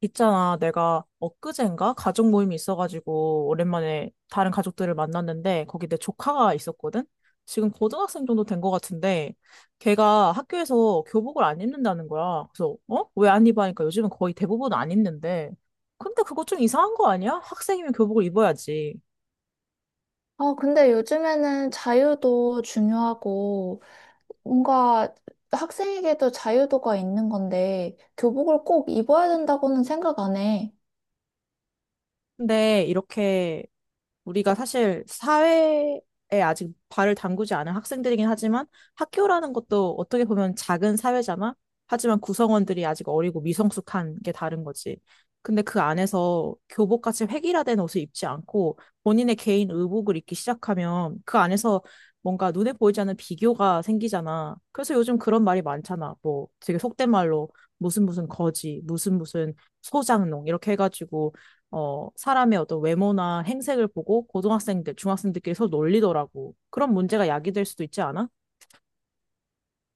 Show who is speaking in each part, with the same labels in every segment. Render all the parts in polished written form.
Speaker 1: 있잖아, 내가 엊그젠가 가족 모임이 있어가지고 오랜만에 다른 가족들을 만났는데 거기 내 조카가 있었거든? 지금 고등학생 정도 된 것 같은데 걔가 학교에서 교복을 안 입는다는 거야. 그래서 어? 왜 안 입어? 하니까 요즘은 거의 대부분 안 입는데 근데 그거 좀 이상한 거 아니야? 학생이면 교복을 입어야지.
Speaker 2: 아, 근데 요즘에는 자유도 중요하고, 뭔가 학생에게도 자유도가 있는 건데, 교복을 꼭 입어야 된다고는 생각 안 해.
Speaker 1: 근데 이렇게 우리가 사실 사회에 아직 발을 담그지 않은 학생들이긴 하지만 학교라는 것도 어떻게 보면 작은 사회잖아. 하지만 구성원들이 아직 어리고 미성숙한 게 다른 거지. 근데 그 안에서 교복같이 획일화된 옷을 입지 않고 본인의 개인 의복을 입기 시작하면 그 안에서 뭔가 눈에 보이지 않는 비교가 생기잖아. 그래서 요즘 그런 말이 많잖아. 뭐 되게 속된 말로 무슨 무슨 거지, 무슨 무슨 소장농 이렇게 해가지고 사람의 어떤 외모나 행색을 보고 고등학생들, 중학생들끼리 서로 놀리더라고. 그런 문제가 야기될 수도 있지 않아?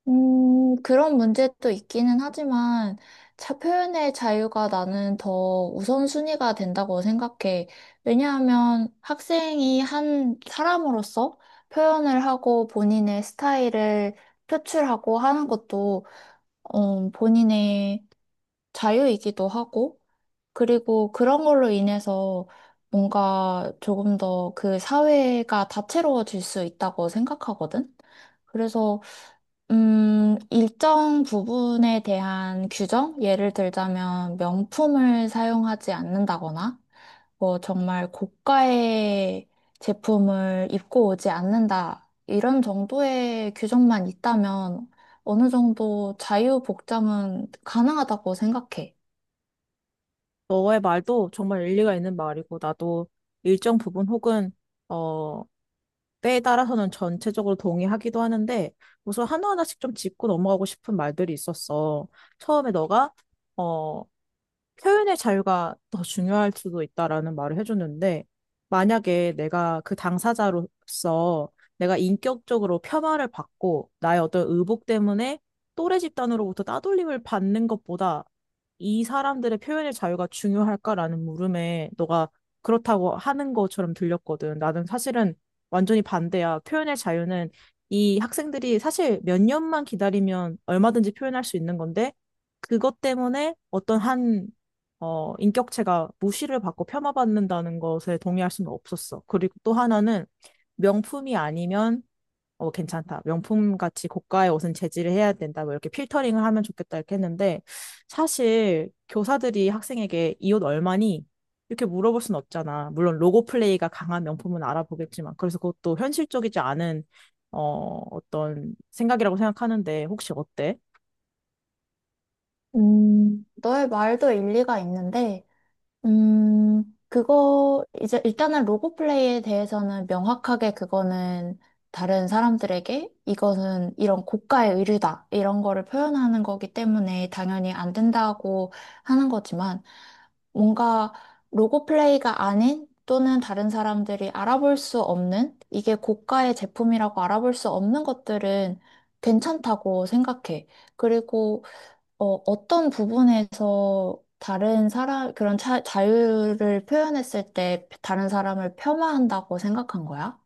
Speaker 2: 그런 문제도 있기는 하지만, 자, 표현의 자유가 나는 더 우선순위가 된다고 생각해. 왜냐하면 학생이 한 사람으로서 표현을 하고 본인의 스타일을 표출하고 하는 것도, 본인의 자유이기도 하고, 그리고 그런 걸로 인해서 뭔가 조금 더 그 사회가 다채로워질 수 있다고 생각하거든. 그래서, 일정 부분에 대한 규정? 예를 들자면 명품을 사용하지 않는다거나, 뭐 정말 고가의 제품을 입고 오지 않는다. 이런 정도의 규정만 있다면 어느 정도 자유복장은 가능하다고 생각해.
Speaker 1: 너의 말도 정말 일리가 있는 말이고, 나도 일정 부분 혹은, 어, 때에 따라서는 전체적으로 동의하기도 하는데, 우선 하나하나씩 좀 짚고 넘어가고 싶은 말들이 있었어. 처음에 너가, 어, 표현의 자유가 더 중요할 수도 있다라는 말을 해줬는데, 만약에 내가 그 당사자로서 내가 인격적으로 폄하를 받고 나의 어떤 의복 때문에 또래 집단으로부터 따돌림을 받는 것보다 이 사람들의 표현의 자유가 중요할까라는 물음에 너가 그렇다고 하는 것처럼 들렸거든. 나는 사실은 완전히 반대야. 표현의 자유는 이 학생들이 사실 몇 년만 기다리면 얼마든지 표현할 수 있는 건데, 그것 때문에 어떤 한 인격체가 무시를 받고 폄하받는다는 것에 동의할 수는 없었어. 그리고 또 하나는 명품이 아니면 괜찮다. 명품 같이 고가의 옷은 제지를 해야 된다. 뭐 이렇게 필터링을 하면 좋겠다 이렇게 했는데 사실 교사들이 학생에게 이 옷 얼마니? 이렇게 물어볼 순 없잖아. 물론 로고 플레이가 강한 명품은 알아보겠지만 그래서 그것도 현실적이지 않은 어떤 생각이라고 생각하는데 혹시 어때?
Speaker 2: 너의 말도 일리가 있는데, 음, 이제 일단은 로고 플레이에 대해서는 명확하게 그거는 다른 사람들에게 이거는 이런 고가의 의류다, 이런 거를 표현하는 거기 때문에 당연히 안 된다고 하는 거지만, 뭔가 로고 플레이가 아닌 또는 다른 사람들이 알아볼 수 없는, 이게 고가의 제품이라고 알아볼 수 없는 것들은 괜찮다고 생각해. 그리고 어떤 부분에서 자유를 표현했을 때 다른 사람을 폄하한다고 생각한 거야?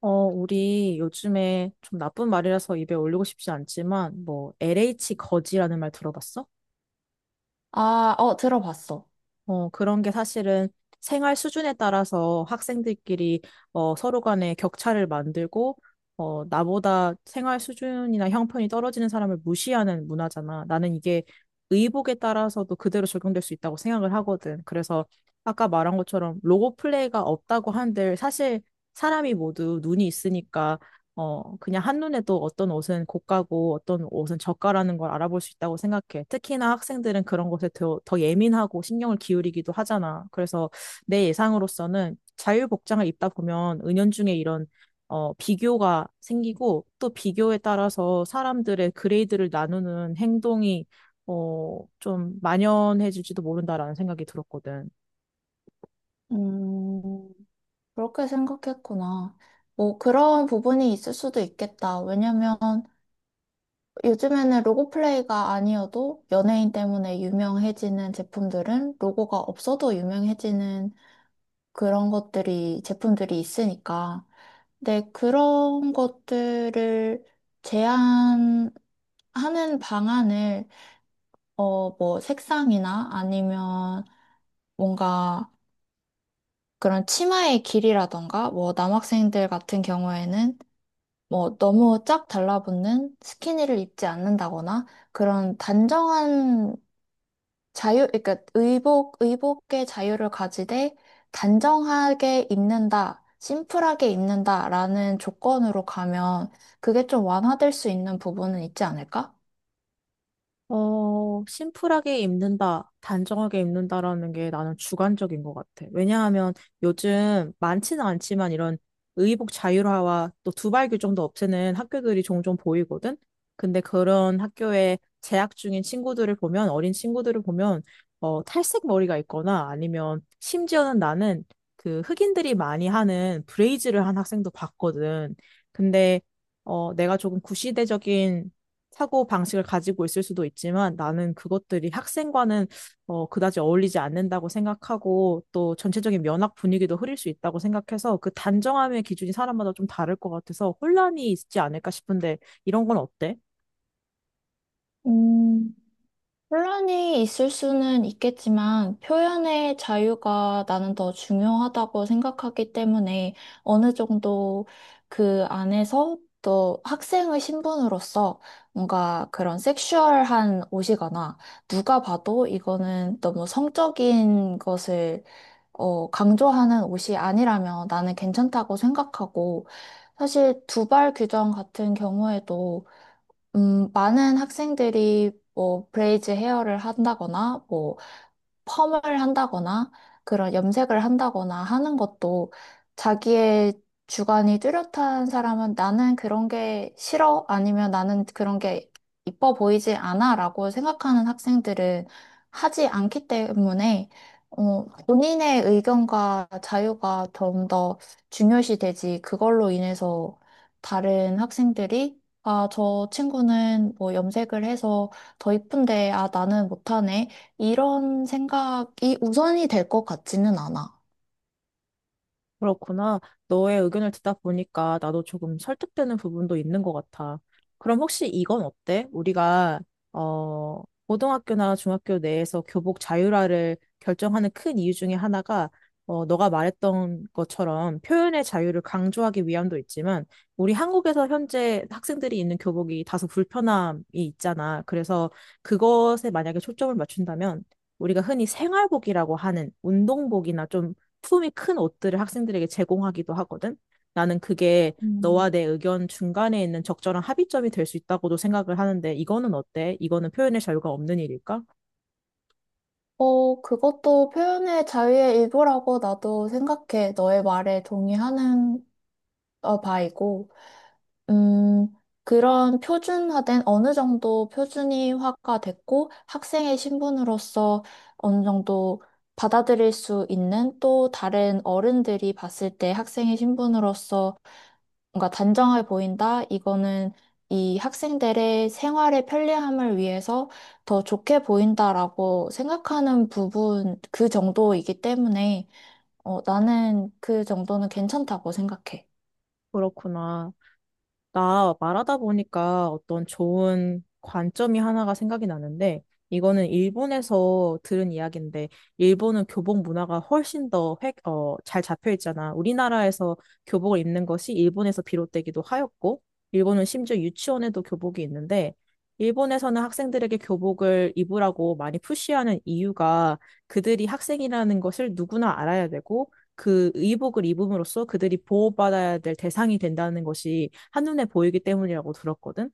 Speaker 1: 어, 우리 요즘에 좀 나쁜 말이라서 입에 올리고 싶지 않지만, 뭐, LH 거지라는 말 들어봤어?
Speaker 2: 아, 어, 들어봤어.
Speaker 1: 어, 그런 게 사실은 생활 수준에 따라서 학생들끼리 서로 간에 격차를 만들고, 나보다 생활 수준이나 형편이 떨어지는 사람을 무시하는 문화잖아. 나는 이게 의복에 따라서도 그대로 적용될 수 있다고 생각을 하거든. 그래서 아까 말한 것처럼 로고 플레이가 없다고 한들 사실 사람이 모두 눈이 있으니까 그냥 한눈에 또 어떤 옷은 고가고 어떤 옷은 저가라는 걸 알아볼 수 있다고 생각해. 특히나 학생들은 그런 것에 더 예민하고 신경을 기울이기도 하잖아. 그래서 내 예상으로서는 자유복장을 입다 보면 은연중에 이런 비교가 생기고 또 비교에 따라서 사람들의 그레이드를 나누는 행동이 좀 만연해질지도 모른다라는 생각이 들었거든.
Speaker 2: 음, 그렇게 생각했구나. 뭐, 그런 부분이 있을 수도 있겠다. 왜냐면 요즘에는 로고 플레이가 아니어도 연예인 때문에 유명해지는 제품들은 로고가 없어도 유명해지는 제품들이 있으니까. 네, 그런 것들을 제한하는 방안을, 뭐, 색상이나 아니면 뭔가 그런 치마의 길이라던가, 뭐, 남학생들 같은 경우에는 뭐, 너무 쫙 달라붙는 스키니를 입지 않는다거나, 그런 단정한 그러니까 의복의 자유를 가지되 단정하게 입는다, 심플하게 입는다라는 조건으로 가면 그게 좀 완화될 수 있는 부분은 있지 않을까?
Speaker 1: 어, 심플하게 입는다, 단정하게 입는다라는 게 나는 주관적인 것 같아. 왜냐하면 요즘 많지는 않지만 이런 의복 자율화와 또 두발 규정도 없애는 학교들이 종종 보이거든? 근데 그런 학교에 재학 중인 친구들을 보면, 어린 친구들을 보면, 탈색 머리가 있거나 아니면 심지어는 나는 그 흑인들이 많이 하는 브레이즈를 한 학생도 봤거든. 근데 내가 조금 구시대적인 사고 방식을 가지고 있을 수도 있지만 나는 그것들이 학생과는 그다지 어울리지 않는다고 생각하고 또 전체적인 면학 분위기도 흐릴 수 있다고 생각해서 그 단정함의 기준이 사람마다 좀 다를 것 같아서 혼란이 있지 않을까 싶은데 이런 건 어때?
Speaker 2: 음. 혼란이 있을 수는 있겠지만 표현의 자유가 나는 더 중요하다고 생각하기 때문에 어느 정도 그 안에서 또 학생의 신분으로서 뭔가 그런 섹슈얼한 옷이거나 누가 봐도 이거는 너무 성적인 것을 강조하는 옷이 아니라면 나는 괜찮다고 생각하고 사실 두발 규정 같은 경우에도 많은 학생들이 뭐 브레이즈 헤어를 한다거나 뭐 펌을 한다거나 그런 염색을 한다거나 하는 것도 자기의 주관이 뚜렷한 사람은 나는 그런 게 싫어 아니면 나는 그런 게 이뻐 보이지 않아라고 생각하는 학생들은 하지 않기 때문에 본인의 의견과 자유가 좀 더 중요시 되지 그걸로 인해서 다른 학생들이 아, 저 친구는 뭐 염색을 해서 더 이쁜데, 아, 나는 못하네. 이런 생각이 우선이 될 것 같지는 않아.
Speaker 1: 그렇구나. 너의 의견을 듣다 보니까 나도 조금 설득되는 부분도 있는 것 같아. 그럼 혹시 이건 어때? 우리가, 고등학교나 중학교 내에서 교복 자율화를 결정하는 큰 이유 중에 하나가, 너가 말했던 것처럼 표현의 자유를 강조하기 위함도 있지만, 우리 한국에서 현재 학생들이 입는 교복이 다소 불편함이 있잖아. 그래서 그것에 만약에 초점을 맞춘다면, 우리가 흔히 생활복이라고 하는 운동복이나 좀 품이 큰 옷들을 학생들에게 제공하기도 하거든. 나는 그게 너와
Speaker 2: 음.
Speaker 1: 내 의견 중간에 있는 적절한 합의점이 될 수 있다고도 생각을 하는데 이거는 어때? 이거는 표현의 자유가 없는 일일까?
Speaker 2: 그것도 표현의 자유의 일부라고 나도 생각해. 너의 말에 동의하는 바이고. 음, 그런 표준화된 어느 정도 표준이화가 됐고 학생의 신분으로서 어느 정도 받아들일 수 있는 또 다른 어른들이 봤을 때 학생의 신분으로서 뭔가 단정해 보인다. 이거는 이 학생들의 생활의 편리함을 위해서 더 좋게 보인다라고 생각하는 부분 그 정도이기 때문에 나는 그 정도는 괜찮다고 생각해.
Speaker 1: 그렇구나. 나 말하다 보니까 어떤 좋은 관점이 하나가 생각이 나는데, 이거는 일본에서 들은 이야기인데, 일본은 교복 문화가 훨씬 더 잘 잡혀 있잖아. 우리나라에서 교복을 입는 것이 일본에서 비롯되기도 하였고, 일본은 심지어 유치원에도 교복이 있는데, 일본에서는 학생들에게 교복을 입으라고 많이 푸시하는 이유가 그들이 학생이라는 것을 누구나 알아야 되고, 그 의복을 입음으로써 그들이 보호받아야 될 대상이 된다는 것이 한눈에 보이기 때문이라고 들었거든.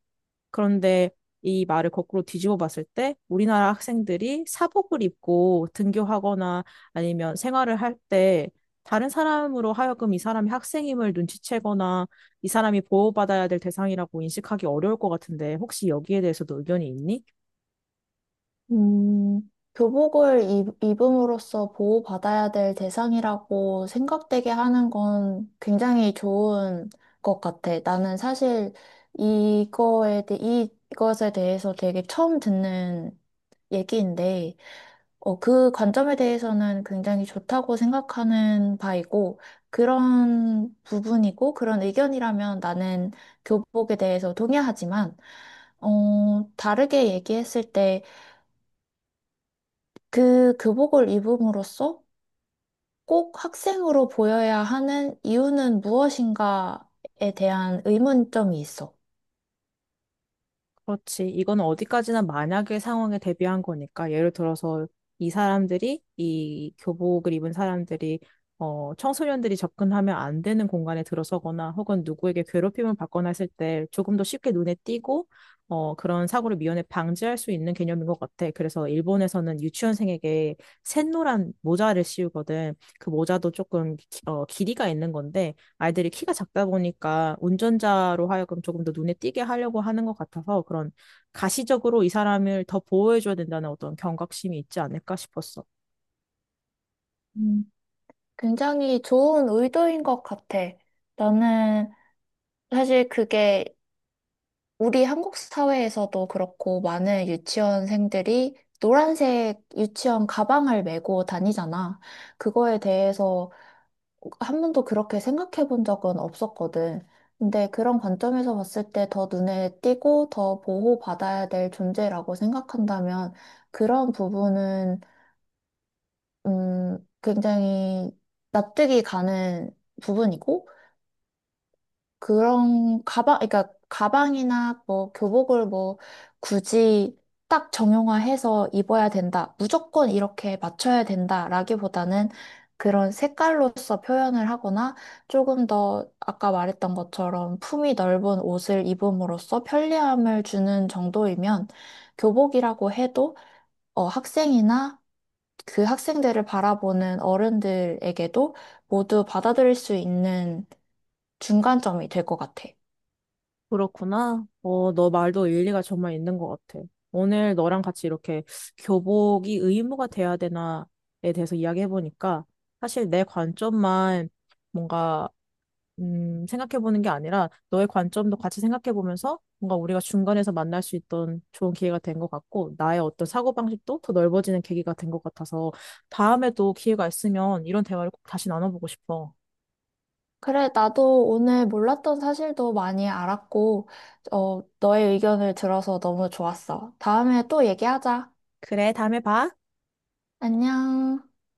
Speaker 1: 그런데 이 말을 거꾸로 뒤집어 봤을 때 우리나라 학생들이 사복을 입고 등교하거나 아니면 생활을 할 때 다른 사람으로 하여금 이 사람이 학생임을 눈치채거나 이 사람이 보호받아야 될 대상이라고 인식하기 어려울 것 같은데 혹시 여기에 대해서도 의견이 있니?
Speaker 2: 음, 입음으로써 보호받아야 될 대상이라고 생각되게 하는 건 굉장히 좋은 것 같아. 나는 사실 이거에 대, 이것에 대해서 되게 처음 듣는 얘기인데, 그 관점에 대해서는 굉장히 좋다고 생각하는 바이고, 그런 의견이라면 나는 교복에 대해서 동의하지만, 다르게 얘기했을 때, 그 교복을 입음으로써 꼭 학생으로 보여야 하는 이유는 무엇인가에 대한 의문점이 있어.
Speaker 1: 그렇지. 이건 어디까지나 만약의 상황에 대비한 거니까. 예를 들어서 이 사람들이, 이 교복을 입은 사람들이, 청소년들이 접근하면 안 되는 공간에 들어서거나 혹은 누구에게 괴롭힘을 받거나 했을 때 조금 더 쉽게 눈에 띄고, 그런 사고를 미연에 방지할 수 있는 개념인 것 같아. 그래서 일본에서는 유치원생에게 샛노란 모자를 씌우거든. 그 모자도 조금, 길이가 있는 건데, 아이들이 키가 작다 보니까 운전자로 하여금 조금 더 눈에 띄게 하려고 하는 것 같아서 그런 가시적으로 이 사람을 더 보호해줘야 된다는 어떤 경각심이 있지 않을까 싶었어.
Speaker 2: 음, 굉장히 좋은 의도인 것 같아. 나는 사실 그게 우리 한국 사회에서도 그렇고 많은 유치원생들이 노란색 유치원 가방을 메고 다니잖아. 그거에 대해서 한 번도 그렇게 생각해 본 적은 없었거든. 근데 그런 관점에서 봤을 때 더 눈에 띄고 더 보호받아야 될 존재라고 생각한다면 그런 부분은, 굉장히 납득이 가는 부분이고, 그러니까 가방이나 뭐 교복을 뭐 굳이 딱 정형화해서 입어야 된다. 무조건 이렇게 맞춰야 된다라기보다는 그런 색깔로서 표현을 하거나 조금 더 아까 말했던 것처럼 품이 넓은 옷을 입음으로써 편리함을 주는 정도이면 교복이라고 해도 학생이나 그 학생들을 바라보는 어른들에게도 모두 받아들일 수 있는 중간점이 될 것 같아.
Speaker 1: 그렇구나. 어, 너 말도 일리가 정말 있는 것 같아. 오늘 너랑 같이 이렇게 교복이 의무가 돼야 되나에 대해서 이야기해보니까 사실 내 관점만 뭔가 생각해보는 게 아니라 너의 관점도 같이 생각해보면서 뭔가 우리가 중간에서 만날 수 있던 좋은 기회가 된 것 같고 나의 어떤 사고방식도 더 넓어지는 계기가 된 것 같아서 다음에도 기회가 있으면 이런 대화를 꼭 다시 나눠보고 싶어.
Speaker 2: 그래, 나도 오늘 몰랐던 사실도 많이 알았고, 너의 의견을 들어서 너무 좋았어. 다음에 또 얘기하자.
Speaker 1: 그래, 다음에 봐.
Speaker 2: 안녕.